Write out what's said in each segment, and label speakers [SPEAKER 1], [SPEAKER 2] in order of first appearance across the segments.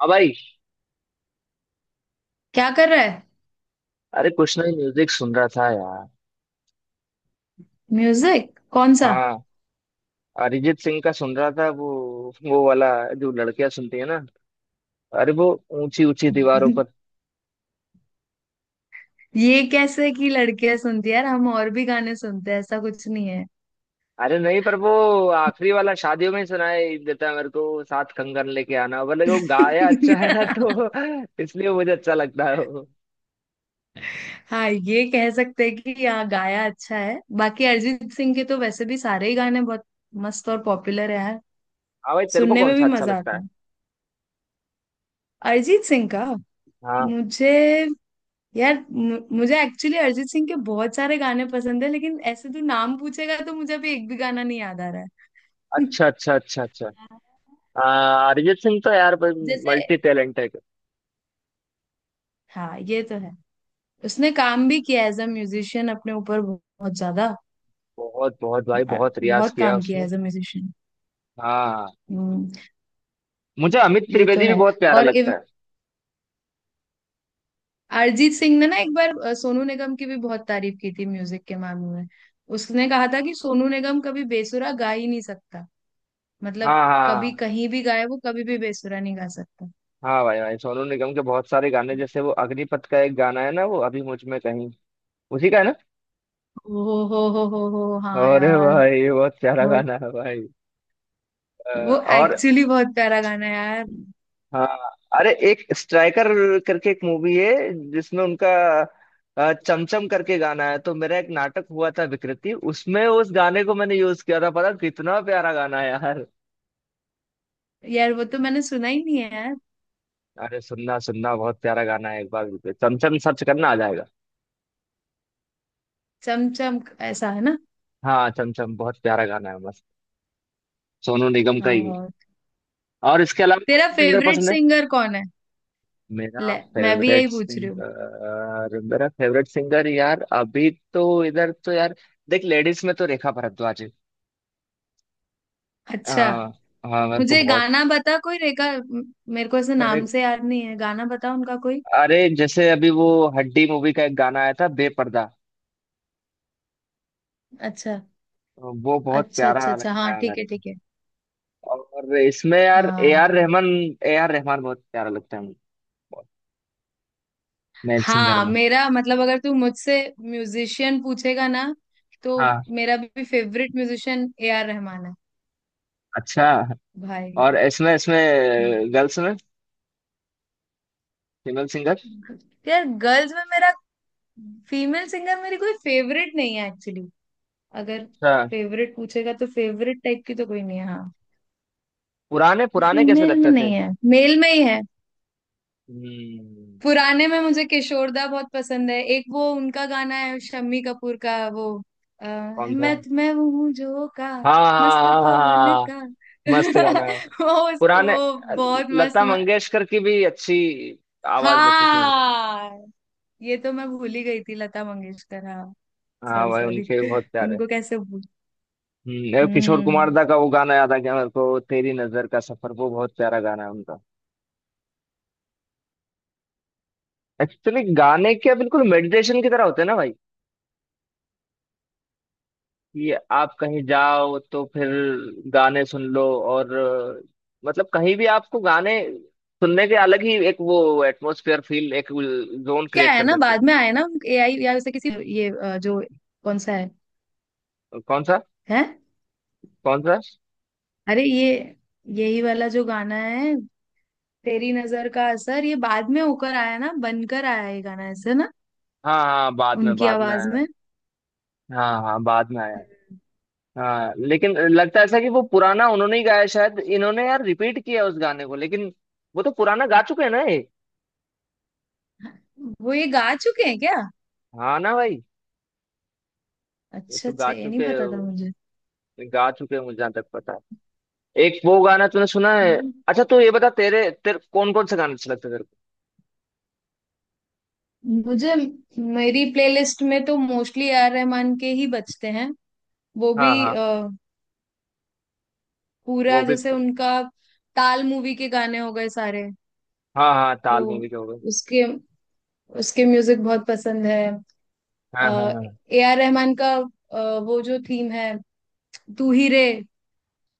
[SPEAKER 1] हाँ भाई।
[SPEAKER 2] क्या कर रहा है।
[SPEAKER 1] अरे, कुछ नहीं, म्यूजिक सुन रहा था यार।
[SPEAKER 2] म्यूजिक कौन सा?
[SPEAKER 1] हाँ। अरिजीत सिंह का सुन रहा था, वो वाला, जो लड़कियां सुनती है ना। अरे वो ऊंची ऊंची दीवारों पर।
[SPEAKER 2] ये कैसे कि लड़कियां सुनती है, यार हम और भी गाने सुनते हैं, ऐसा कुछ नहीं है।
[SPEAKER 1] अरे नहीं, पर वो आखिरी वाला शादियों में ही सुनाई देता है मेरे को, साथ कंगन लेके आना, भले वो गाया अच्छा है ना तो। इसलिए मुझे अच्छा लगता है वो।
[SPEAKER 2] हाँ, ये कह सकते हैं कि यहाँ गाया अच्छा है। बाकी अरिजीत सिंह के तो वैसे भी सारे ही गाने बहुत मस्त और पॉपुलर है यार।
[SPEAKER 1] हाँ भाई, तेरे को
[SPEAKER 2] सुनने
[SPEAKER 1] कौन
[SPEAKER 2] में
[SPEAKER 1] सा
[SPEAKER 2] भी
[SPEAKER 1] अच्छा
[SPEAKER 2] मजा
[SPEAKER 1] लगता
[SPEAKER 2] आता
[SPEAKER 1] है?
[SPEAKER 2] है अरिजीत सिंह का,
[SPEAKER 1] हाँ।
[SPEAKER 2] मुझे। यार मुझे एक्चुअली अरिजीत सिंह के बहुत सारे गाने पसंद है, लेकिन ऐसे तू नाम पूछेगा तो मुझे अभी एक भी गाना नहीं याद आ रहा है।
[SPEAKER 1] अच्छा, अच्छा, अच्छा, अच्छा। अरिजीत सिंह तो यार
[SPEAKER 2] जैसे।
[SPEAKER 1] मल्टी टैलेंट है।
[SPEAKER 2] हाँ, ये तो है। उसने काम भी किया एज अ म्यूजिशियन अपने ऊपर बहुत ज्यादा।
[SPEAKER 1] बहुत बहुत भाई, बहुत रियाज
[SPEAKER 2] बहुत
[SPEAKER 1] किया
[SPEAKER 2] काम किया
[SPEAKER 1] उसने।
[SPEAKER 2] As a musician.
[SPEAKER 1] हाँ।
[SPEAKER 2] हम्म।
[SPEAKER 1] मुझे अमित
[SPEAKER 2] ये तो
[SPEAKER 1] त्रिवेदी भी
[SPEAKER 2] है।
[SPEAKER 1] बहुत प्यारा
[SPEAKER 2] और
[SPEAKER 1] लगता है।
[SPEAKER 2] अरिजीत सिंह ने ना एक बार सोनू निगम की भी बहुत तारीफ की थी म्यूजिक के मामले में। उसने कहा था कि सोनू निगम कभी बेसुरा गा ही नहीं सकता। मतलब
[SPEAKER 1] हाँ,
[SPEAKER 2] कभी
[SPEAKER 1] हाँ।
[SPEAKER 2] कहीं भी गाए वो, कभी भी बेसुरा नहीं गा सकता।
[SPEAKER 1] हाँ भाई भाई, सोनू निगम के बहुत सारे गाने, जैसे वो अग्निपथ का एक गाना है ना, वो अभी मुझ में कहीं, उसी का है ना।
[SPEAKER 2] ओ हो, हाँ
[SPEAKER 1] अरे
[SPEAKER 2] यार।
[SPEAKER 1] भाई, ये बहुत प्यारा
[SPEAKER 2] बहुत।
[SPEAKER 1] गाना है भाई।
[SPEAKER 2] वो
[SPEAKER 1] और।
[SPEAKER 2] एक्चुअली बहुत प्यारा गाना है यार।
[SPEAKER 1] हाँ। अरे, एक स्ट्राइकर करके एक मूवी है, जिसमें उनका चमचम करके गाना है, तो मेरा एक नाटक हुआ था विकृति, उसमें उस गाने को मैंने यूज किया था, पता कितना प्यारा गाना है यार।
[SPEAKER 2] यार वो तो मैंने सुना ही नहीं है यार।
[SPEAKER 1] अरे सुनना सुनना, बहुत प्यारा गाना है, एक बार चमचम सर्च करना, आ जाएगा।
[SPEAKER 2] चम चम ऐसा है ना?
[SPEAKER 1] हाँ, चमचम बहुत प्यारा गाना है, मस्त। सोनू निगम का ही है।
[SPEAKER 2] हाँ।
[SPEAKER 1] और इसके अलावा कौन
[SPEAKER 2] तेरा
[SPEAKER 1] सा सिंगर
[SPEAKER 2] फेवरेट
[SPEAKER 1] पसंद है?
[SPEAKER 2] सिंगर कौन है?
[SPEAKER 1] मेरा
[SPEAKER 2] ले, मैं भी यही
[SPEAKER 1] फेवरेट
[SPEAKER 2] पूछ रही हूँ।
[SPEAKER 1] सिंगर मेरा फेवरेट सिंगर यार, अभी तो इधर तो यार। देख, लेडीज में तो रेखा भारद्वाज है।
[SPEAKER 2] अच्छा,
[SPEAKER 1] हाँ। हाँ, मेरे को
[SPEAKER 2] मुझे
[SPEAKER 1] बहुत।
[SPEAKER 2] गाना बता कोई रेखा मेरे को ऐसे
[SPEAKER 1] अरे
[SPEAKER 2] नाम से याद नहीं है। गाना बता उनका कोई।
[SPEAKER 1] अरे, जैसे अभी वो हड्डी मूवी का एक गाना आया था, बेपर्दा।
[SPEAKER 2] अच्छा
[SPEAKER 1] वो बहुत
[SPEAKER 2] अच्छा अच्छा
[SPEAKER 1] प्यारा
[SPEAKER 2] अच्छा।
[SPEAKER 1] लगता
[SPEAKER 2] हाँ,
[SPEAKER 1] है
[SPEAKER 2] ठीक
[SPEAKER 1] मेरे
[SPEAKER 2] है,
[SPEAKER 1] को।
[SPEAKER 2] ठीक है।
[SPEAKER 1] और इसमें यार ए आर
[SPEAKER 2] हाँ
[SPEAKER 1] रहमान। ए आर रहमान बहुत प्यारा लगता है मेरे को, मेल सिंगर
[SPEAKER 2] हाँ।
[SPEAKER 1] में।
[SPEAKER 2] मेरा मतलब अगर तू मुझसे म्यूजिशियन पूछेगा ना, तो
[SPEAKER 1] हाँ।
[SPEAKER 2] मेरा भी favourite musician A R Rahman है
[SPEAKER 1] अच्छा।
[SPEAKER 2] भाई।
[SPEAKER 1] और इसमें इसमें
[SPEAKER 2] हम्म।
[SPEAKER 1] गर्ल्स में, फीमेल सिंगर।
[SPEAKER 2] यार गर्ल्स में मेरा फीमेल सिंगर, मेरी कोई फेवरेट नहीं है एक्चुअली। अगर
[SPEAKER 1] अच्छा।
[SPEAKER 2] फेवरेट पूछेगा तो फेवरेट टाइप की तो कोई नहीं है। हाँ,
[SPEAKER 1] पुराने पुराने कैसे
[SPEAKER 2] फीमेल में
[SPEAKER 1] लगते थे?
[SPEAKER 2] नहीं है, मेल में ही है।
[SPEAKER 1] हम्म।
[SPEAKER 2] पुराने में मुझे किशोरदा बहुत पसंद है। एक वो उनका गाना है शम्मी कपूर का, वो
[SPEAKER 1] कौन था?
[SPEAKER 2] मैं वो हूँ जो का।
[SPEAKER 1] हाँ हाँ
[SPEAKER 2] मस्त
[SPEAKER 1] हाँ हाँ हाँ,
[SPEAKER 2] पवन
[SPEAKER 1] हाँ, हाँ।
[SPEAKER 2] का।
[SPEAKER 1] मस्त गाना है।
[SPEAKER 2] वो उसको
[SPEAKER 1] पुराने।
[SPEAKER 2] वो बहुत मस्त
[SPEAKER 1] लता मंगेशकर की भी अच्छी आवाज लगती थी मेरे को।
[SPEAKER 2] हाँ ये तो मैं भूल ही गई थी, लता मंगेशकर, हाँ।
[SPEAKER 1] हाँ
[SPEAKER 2] सॉरी
[SPEAKER 1] भाई,
[SPEAKER 2] सॉरी।
[SPEAKER 1] उनके भी बहुत प्यारे।
[SPEAKER 2] उनको कैसे भूल।
[SPEAKER 1] एक किशोर कुमार
[SPEAKER 2] हम्म।
[SPEAKER 1] दा का वो गाना याद आ गया मेरे को, तेरी नजर का सफर, वो बहुत प्यारा गाना है उनका। एक्चुअली गाने क्या बिल्कुल मेडिटेशन की तरह होते हैं ना भाई, कि आप कहीं जाओ तो फिर गाने सुन लो, और मतलब कहीं भी आपको गाने सुनने के, अलग ही एक वो एटमोसफियर फील, एक जोन
[SPEAKER 2] क्या
[SPEAKER 1] क्रिएट
[SPEAKER 2] है
[SPEAKER 1] कर
[SPEAKER 2] ना,
[SPEAKER 1] देते
[SPEAKER 2] बाद में आए ना एआई या वैसे किसी ये जो कौन सा है,
[SPEAKER 1] हैं। कौन सा?
[SPEAKER 2] है?
[SPEAKER 1] कौन सा?
[SPEAKER 2] अरे ये, यही वाला जो गाना है, तेरी नजर का असर, ये बाद में होकर आया ना, बनकर आया ये गाना ऐसे ना।
[SPEAKER 1] हाँ हाँ,
[SPEAKER 2] उनकी
[SPEAKER 1] बाद में
[SPEAKER 2] आवाज
[SPEAKER 1] आया है।
[SPEAKER 2] में।
[SPEAKER 1] हाँ हाँ, बाद में आया है। हाँ, लेकिन लगता ऐसा कि वो पुराना उन्होंने ही गाया है, शायद इन्होंने यार रिपीट किया उस गाने को, लेकिन वो तो पुराना गा चुके हैं ना ये।
[SPEAKER 2] हम्म। वो ये गा चुके हैं क्या?
[SPEAKER 1] हाँ ना भाई। ये
[SPEAKER 2] अच्छा
[SPEAKER 1] तो गा
[SPEAKER 2] अच्छा, ये नहीं
[SPEAKER 1] चुके,
[SPEAKER 2] पता था मुझे।
[SPEAKER 1] गा चुके हैं, मुझे जहाँ तक पता है। एक वो गाना तूने सुना है? अच्छा, तू ये बता, तेरे तेरे कौन कौन से गाने अच्छे लगते हैं तेरे को?
[SPEAKER 2] मुझे मेरी प्लेलिस्ट में तो मोस्टली ए आर रहमान के ही बजते हैं। वो
[SPEAKER 1] हाँ,
[SPEAKER 2] भी
[SPEAKER 1] हाँ। को
[SPEAKER 2] पूरा
[SPEAKER 1] वो भी।
[SPEAKER 2] जैसे उनका ताल मूवी के गाने हो गए सारे।
[SPEAKER 1] हाँ हाँ,
[SPEAKER 2] तो
[SPEAKER 1] ताल मूवी के हो गए।
[SPEAKER 2] उसके उसके म्यूजिक बहुत पसंद है।
[SPEAKER 1] हाँ हाँ हाँ
[SPEAKER 2] ए आर रहमान का वो जो थीम है, तू ही रे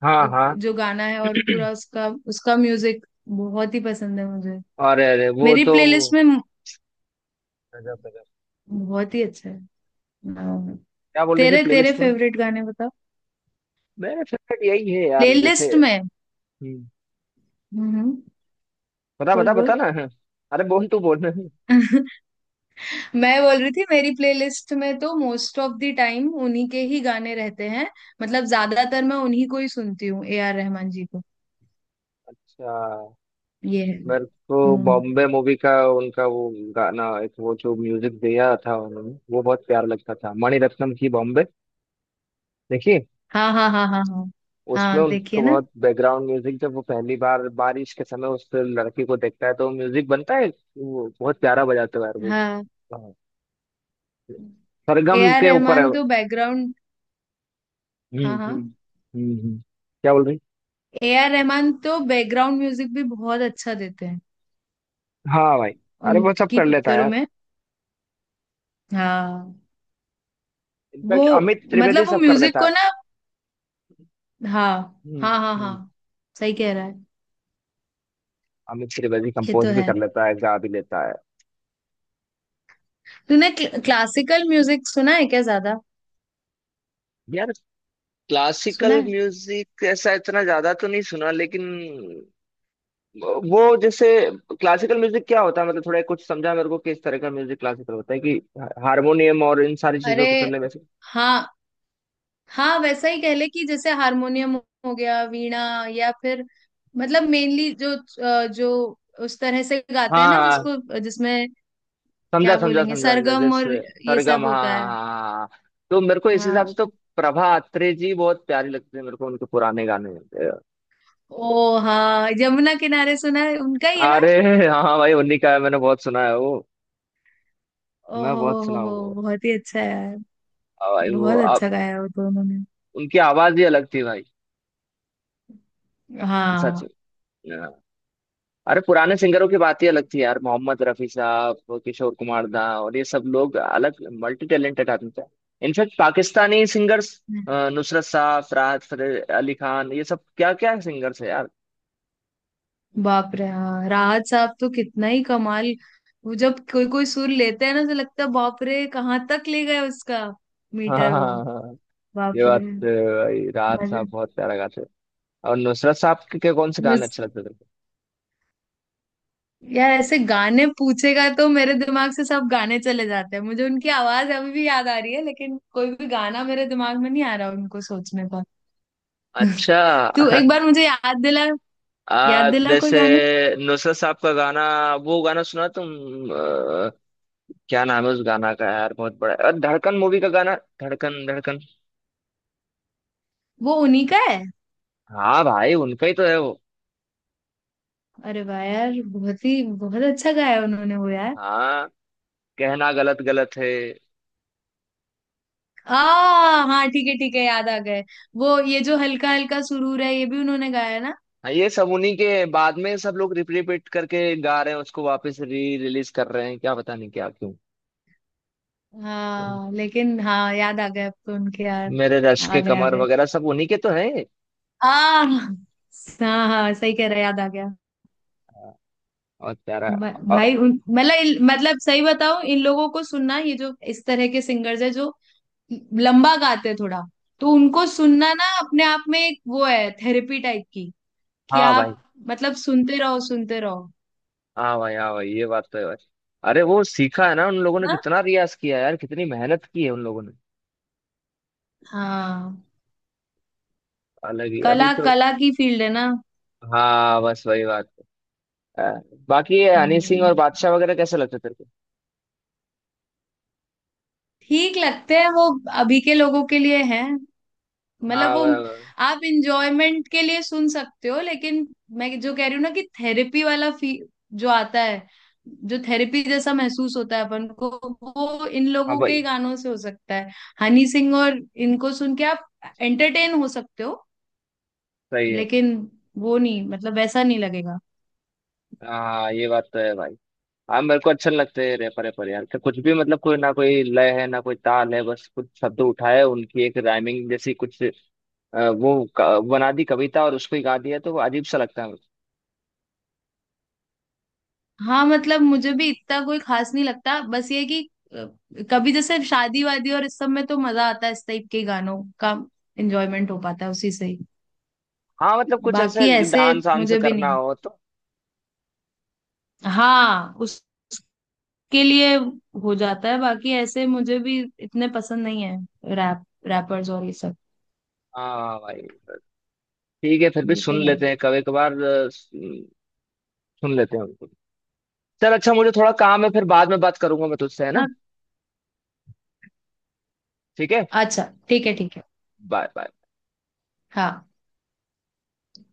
[SPEAKER 1] हाँ हाँ।
[SPEAKER 2] जो गाना है, और पूरा उसका उसका म्यूजिक बहुत ही पसंद है मुझे।
[SPEAKER 1] अरे अरे, वो
[SPEAKER 2] मेरी
[SPEAKER 1] तो
[SPEAKER 2] प्लेलिस्ट में
[SPEAKER 1] गजब, गजब।
[SPEAKER 2] बहुत ही अच्छा है, हाँ।
[SPEAKER 1] क्या बोल रही थी
[SPEAKER 2] तेरे तेरे
[SPEAKER 1] प्लेलिस्ट में?
[SPEAKER 2] फेवरेट गाने बताओ,
[SPEAKER 1] मेरा फेवरेट यही है यार, जैसे।
[SPEAKER 2] प्लेलिस्ट में।
[SPEAKER 1] हम्म।
[SPEAKER 2] हम्म।
[SPEAKER 1] बता
[SPEAKER 2] बोल
[SPEAKER 1] बता बता
[SPEAKER 2] बोल।
[SPEAKER 1] ना। अरे बोल, तू बोल।
[SPEAKER 2] मैं बोल रही थी मेरी प्लेलिस्ट में तो मोस्ट ऑफ द टाइम उन्हीं के ही गाने रहते हैं। मतलब ज्यादातर मैं उन्हीं को ही सुनती हूँ, ए आर रहमान जी को।
[SPEAKER 1] अच्छा।
[SPEAKER 2] ये है।
[SPEAKER 1] मेरे को
[SPEAKER 2] हम्म।
[SPEAKER 1] बॉम्बे मूवी का उनका वो गाना, एक वो जो म्यूजिक दिया था उन्होंने, वो बहुत प्यार लगता था, मणिरत्नम की बॉम्बे। देखिए।
[SPEAKER 2] हाँ हाँ हाँ हाँ हाँ।
[SPEAKER 1] उसमें
[SPEAKER 2] हाँ
[SPEAKER 1] उनको
[SPEAKER 2] देखिए ना।
[SPEAKER 1] बहुत बैकग्राउंड म्यूजिक, जब वो पहली बार बारिश के समय उस लड़की को देखता है तो म्यूजिक बनता है। वो बहुत प्यारा बजाते हुआ यार वो।
[SPEAKER 2] हाँ,
[SPEAKER 1] हाँ,
[SPEAKER 2] ए
[SPEAKER 1] सरगम
[SPEAKER 2] आर
[SPEAKER 1] के ऊपर है।
[SPEAKER 2] रहमान तो बैकग्राउंड
[SPEAKER 1] हम्म
[SPEAKER 2] हाँ हाँ,
[SPEAKER 1] हम्म हम्म हम्म। क्या बोल रही?
[SPEAKER 2] ए आर रहमान तो बैकग्राउंड म्यूजिक भी बहुत अच्छा देते हैं
[SPEAKER 1] हाँ भाई। अरे वो सब
[SPEAKER 2] उनकी
[SPEAKER 1] कर लेता है
[SPEAKER 2] पिक्चरों
[SPEAKER 1] यार।
[SPEAKER 2] में। हाँ। वो,
[SPEAKER 1] इनफैक्ट अमित त्रिवेदी
[SPEAKER 2] मतलब वो
[SPEAKER 1] सब कर
[SPEAKER 2] म्यूजिक
[SPEAKER 1] लेता है।
[SPEAKER 2] को ना। हाँ
[SPEAKER 1] हम्म,
[SPEAKER 2] हाँ हाँ
[SPEAKER 1] हम्म।
[SPEAKER 2] हाँ। सही कह रहा है।
[SPEAKER 1] अमित त्रिवेदी
[SPEAKER 2] ये तो
[SPEAKER 1] कंपोज भी
[SPEAKER 2] है।
[SPEAKER 1] कर लेता है, गा भी लेता है।
[SPEAKER 2] तूने क्लासिकल म्यूजिक सुना है क्या? ज्यादा
[SPEAKER 1] यार
[SPEAKER 2] सुना
[SPEAKER 1] क्लासिकल
[SPEAKER 2] है।
[SPEAKER 1] म्यूजिक ऐसा इतना ज्यादा तो नहीं सुना, लेकिन वो जैसे, क्लासिकल म्यूजिक क्या होता है, मतलब थोड़ा कुछ समझा मेरे को, किस तरह का म्यूजिक क्लासिकल होता है, कि हारमोनियम और इन सारी चीजों
[SPEAKER 2] अरे,
[SPEAKER 1] पे चलने में से।
[SPEAKER 2] हाँ हाँ, वैसा ही कह ले कि जैसे हारमोनियम हो गया, वीणा, या फिर मतलब मेनली जो जो उस तरह से गाते हैं
[SPEAKER 1] हाँ,
[SPEAKER 2] ना
[SPEAKER 1] हाँ,
[SPEAKER 2] जिसको, जिसमें
[SPEAKER 1] समझा
[SPEAKER 2] क्या
[SPEAKER 1] समझा
[SPEAKER 2] बोलेंगे,
[SPEAKER 1] समझा समझा,
[SPEAKER 2] सरगम और
[SPEAKER 1] जैसे
[SPEAKER 2] ये
[SPEAKER 1] सरगम,
[SPEAKER 2] सब
[SPEAKER 1] हाँ
[SPEAKER 2] होता
[SPEAKER 1] हाँ
[SPEAKER 2] है।
[SPEAKER 1] हाँ हाँ। हाँ, हाँ। तो मेरे को इस हिसाब से
[SPEAKER 2] हाँ।
[SPEAKER 1] तो प्रभा अत्रे जी बहुत प्यारी लगती है मेरे को, उनके पुराने गाने।
[SPEAKER 2] ओ हाँ, यमुना किनारे सुना है, उनका ही है ना?
[SPEAKER 1] अरे। हाँ भाई, उन्हीं का है, मैंने बहुत सुना है वो। मैं
[SPEAKER 2] ओहो
[SPEAKER 1] बहुत सुना हूँ
[SPEAKER 2] हो,
[SPEAKER 1] वो।
[SPEAKER 2] बहुत ही अच्छा है यार।
[SPEAKER 1] हाँ भाई, वो
[SPEAKER 2] बहुत
[SPEAKER 1] आप।
[SPEAKER 2] अच्छा गाया वो तो उन्होंने।
[SPEAKER 1] उनकी आवाज ही अलग थी भाई। सच।
[SPEAKER 2] हाँ।
[SPEAKER 1] अरे, पुराने सिंगरों की बात ही अलग थी यार, मोहम्मद रफी साहब, किशोर कुमार दा, और ये सब लोग अलग, मल्टी टैलेंटेड आदमी थे। इनफैक्ट पाकिस्तानी सिंगर्स, नुसरत साहब, फरहाद अली खान, ये सब क्या क्या सिंगर्स है यार।
[SPEAKER 2] बाप रे, हाँ, राहत साहब तो कितना ही कमाल। वो जब कोई कोई सुर लेते हैं ना, तो लगता है बाप रे, कहाँ तक ले गए उसका
[SPEAKER 1] हाँ
[SPEAKER 2] मीटर वो।
[SPEAKER 1] हाँ हाँ, ये
[SPEAKER 2] बाप रे।
[SPEAKER 1] बात तो है भाई, राहत
[SPEAKER 2] मजे।
[SPEAKER 1] साहब बहुत प्यारा गाते थे। और नुसरत साहब के कौन से गाने
[SPEAKER 2] मुझ-
[SPEAKER 1] अच्छे लगते थे?
[SPEAKER 2] यार ऐसे गाने पूछेगा तो मेरे दिमाग से सब गाने चले जाते हैं। मुझे उनकी आवाज अभी भी याद आ रही है, लेकिन कोई भी गाना मेरे दिमाग में नहीं आ रहा उनको सोचने पर।
[SPEAKER 1] अच्छा।
[SPEAKER 2] तू एक बार मुझे याद दिला। याद दिला कोई
[SPEAKER 1] जैसे
[SPEAKER 2] गाने।
[SPEAKER 1] नुसरत साहब का गाना, वो गाना सुना तुम, आ, क्या नाम है उस गाना का यार, बहुत बड़ा, और धड़कन मूवी का गाना, धड़कन।
[SPEAKER 2] वो उन्हीं का है।
[SPEAKER 1] हाँ भाई, उनका ही तो है वो।
[SPEAKER 2] अरे वाह यार, बहुत ही बहुत अच्छा गाया उन्होंने वो।
[SPEAKER 1] हाँ। कहना गलत गलत है।
[SPEAKER 2] आ हाँ, ठीक है, ठीक है, याद आ गए। वो ये जो हल्का हल्का सुरूर है, ये भी उन्होंने गाया है ना।
[SPEAKER 1] हाँ, ये सब उन्हीं के, बाद में सब लोग रिपीट करके गा रहे हैं उसको, वापस री रिलीज कर रहे हैं, क्या पता नहीं क्या क्यों।
[SPEAKER 2] हाँ लेकिन हाँ, याद आ गए अब तो उनके यार।
[SPEAKER 1] मेरे रश
[SPEAKER 2] आ
[SPEAKER 1] के
[SPEAKER 2] गए, आ
[SPEAKER 1] कमर
[SPEAKER 2] गए।
[SPEAKER 1] वगैरह सब उन्हीं के तो है।
[SPEAKER 2] आ हाँ हाँ, सही कह रहे, याद आ गया।
[SPEAKER 1] और प्यारा। अ-
[SPEAKER 2] भाई मतलब मतलब सही बताओ इन लोगों को सुनना, ये जो इस तरह के सिंगर्स है जो लंबा गाते हैं थोड़ा। तो उनको सुनना ना अपने आप में एक वो है, थेरेपी टाइप की कि
[SPEAKER 1] हाँ भाई,
[SPEAKER 2] आप मतलब सुनते रहो, सुनते रहो।
[SPEAKER 1] हाँ भाई, हाँ भाई, ये बात तो है भाई। अरे वो सीखा है ना उन लोगों
[SPEAKER 2] है
[SPEAKER 1] ने,
[SPEAKER 2] ना?
[SPEAKER 1] कितना रियाज किया है यार, कितनी मेहनत की है उन लोगों ने।
[SPEAKER 2] हाँ।
[SPEAKER 1] अलग ही अभी
[SPEAKER 2] कला,
[SPEAKER 1] तो।
[SPEAKER 2] कला की फील्ड है ना।
[SPEAKER 1] हाँ, बस वही बात है, बाकी ये हनी सिंह
[SPEAKER 2] हम्म,
[SPEAKER 1] और बादशाह वगैरह कैसे लगते तेरे को?
[SPEAKER 2] ठीक लगते हैं वो अभी के लोगों के लिए है। मतलब
[SPEAKER 1] हाँ
[SPEAKER 2] वो
[SPEAKER 1] वा- वा-
[SPEAKER 2] आप इंजॉयमेंट के लिए सुन सकते हो, लेकिन मैं जो कह रही हूँ ना कि थेरेपी वाला फी जो आता है, जो थेरेपी जैसा महसूस होता है अपन को, वो इन
[SPEAKER 1] हाँ
[SPEAKER 2] लोगों के
[SPEAKER 1] भाई,
[SPEAKER 2] ही गानों से हो सकता है। हनी सिंह और इनको सुन के आप एंटरटेन हो सकते हो,
[SPEAKER 1] सही है।
[SPEAKER 2] लेकिन वो नहीं, मतलब वैसा नहीं लगेगा।
[SPEAKER 1] हाँ, ये बात तो है भाई। हाँ, मेरे को अच्छे लगते हैं रैपर रैपर यार, कि कुछ भी मतलब, कोई ना कोई लय है ना, कोई ताल है, बस कुछ शब्द उठाए, उनकी एक राइमिंग जैसी कुछ, वो बना दी कविता और उसको ही गा दिया, तो वो अजीब सा लगता है मेरे
[SPEAKER 2] हाँ मतलब मुझे भी इतना कोई खास नहीं लगता, बस ये है कि अ, कभी जैसे शादी वादी और इस सब में तो मजा आता है, इस टाइप के गानों का एंजॉयमेंट हो पाता है उसी से ही।
[SPEAKER 1] को। हाँ मतलब कुछ ऐसे
[SPEAKER 2] बाकी ऐसे
[SPEAKER 1] डांस वांस
[SPEAKER 2] मुझे भी
[SPEAKER 1] करना
[SPEAKER 2] नहीं।
[SPEAKER 1] हो तो।
[SPEAKER 2] हाँ उसके लिए हो जाता है, बाकी ऐसे मुझे भी इतने पसंद नहीं है, रैप रैपर्स और ये सब।
[SPEAKER 1] हाँ भाई, ठीक है, फिर भी
[SPEAKER 2] ये
[SPEAKER 1] सुन
[SPEAKER 2] तो है।
[SPEAKER 1] लेते हैं कभी कभार, अ, सुन सुन लेते हैं उनको। चल अच्छा, मुझे थोड़ा काम है, फिर बाद में बात करूंगा मैं तुझसे, है ना।
[SPEAKER 2] हाँ,
[SPEAKER 1] ठीक है।
[SPEAKER 2] अच्छा, ठीक है, ठीक है।
[SPEAKER 1] Bye bye.
[SPEAKER 2] हाँ।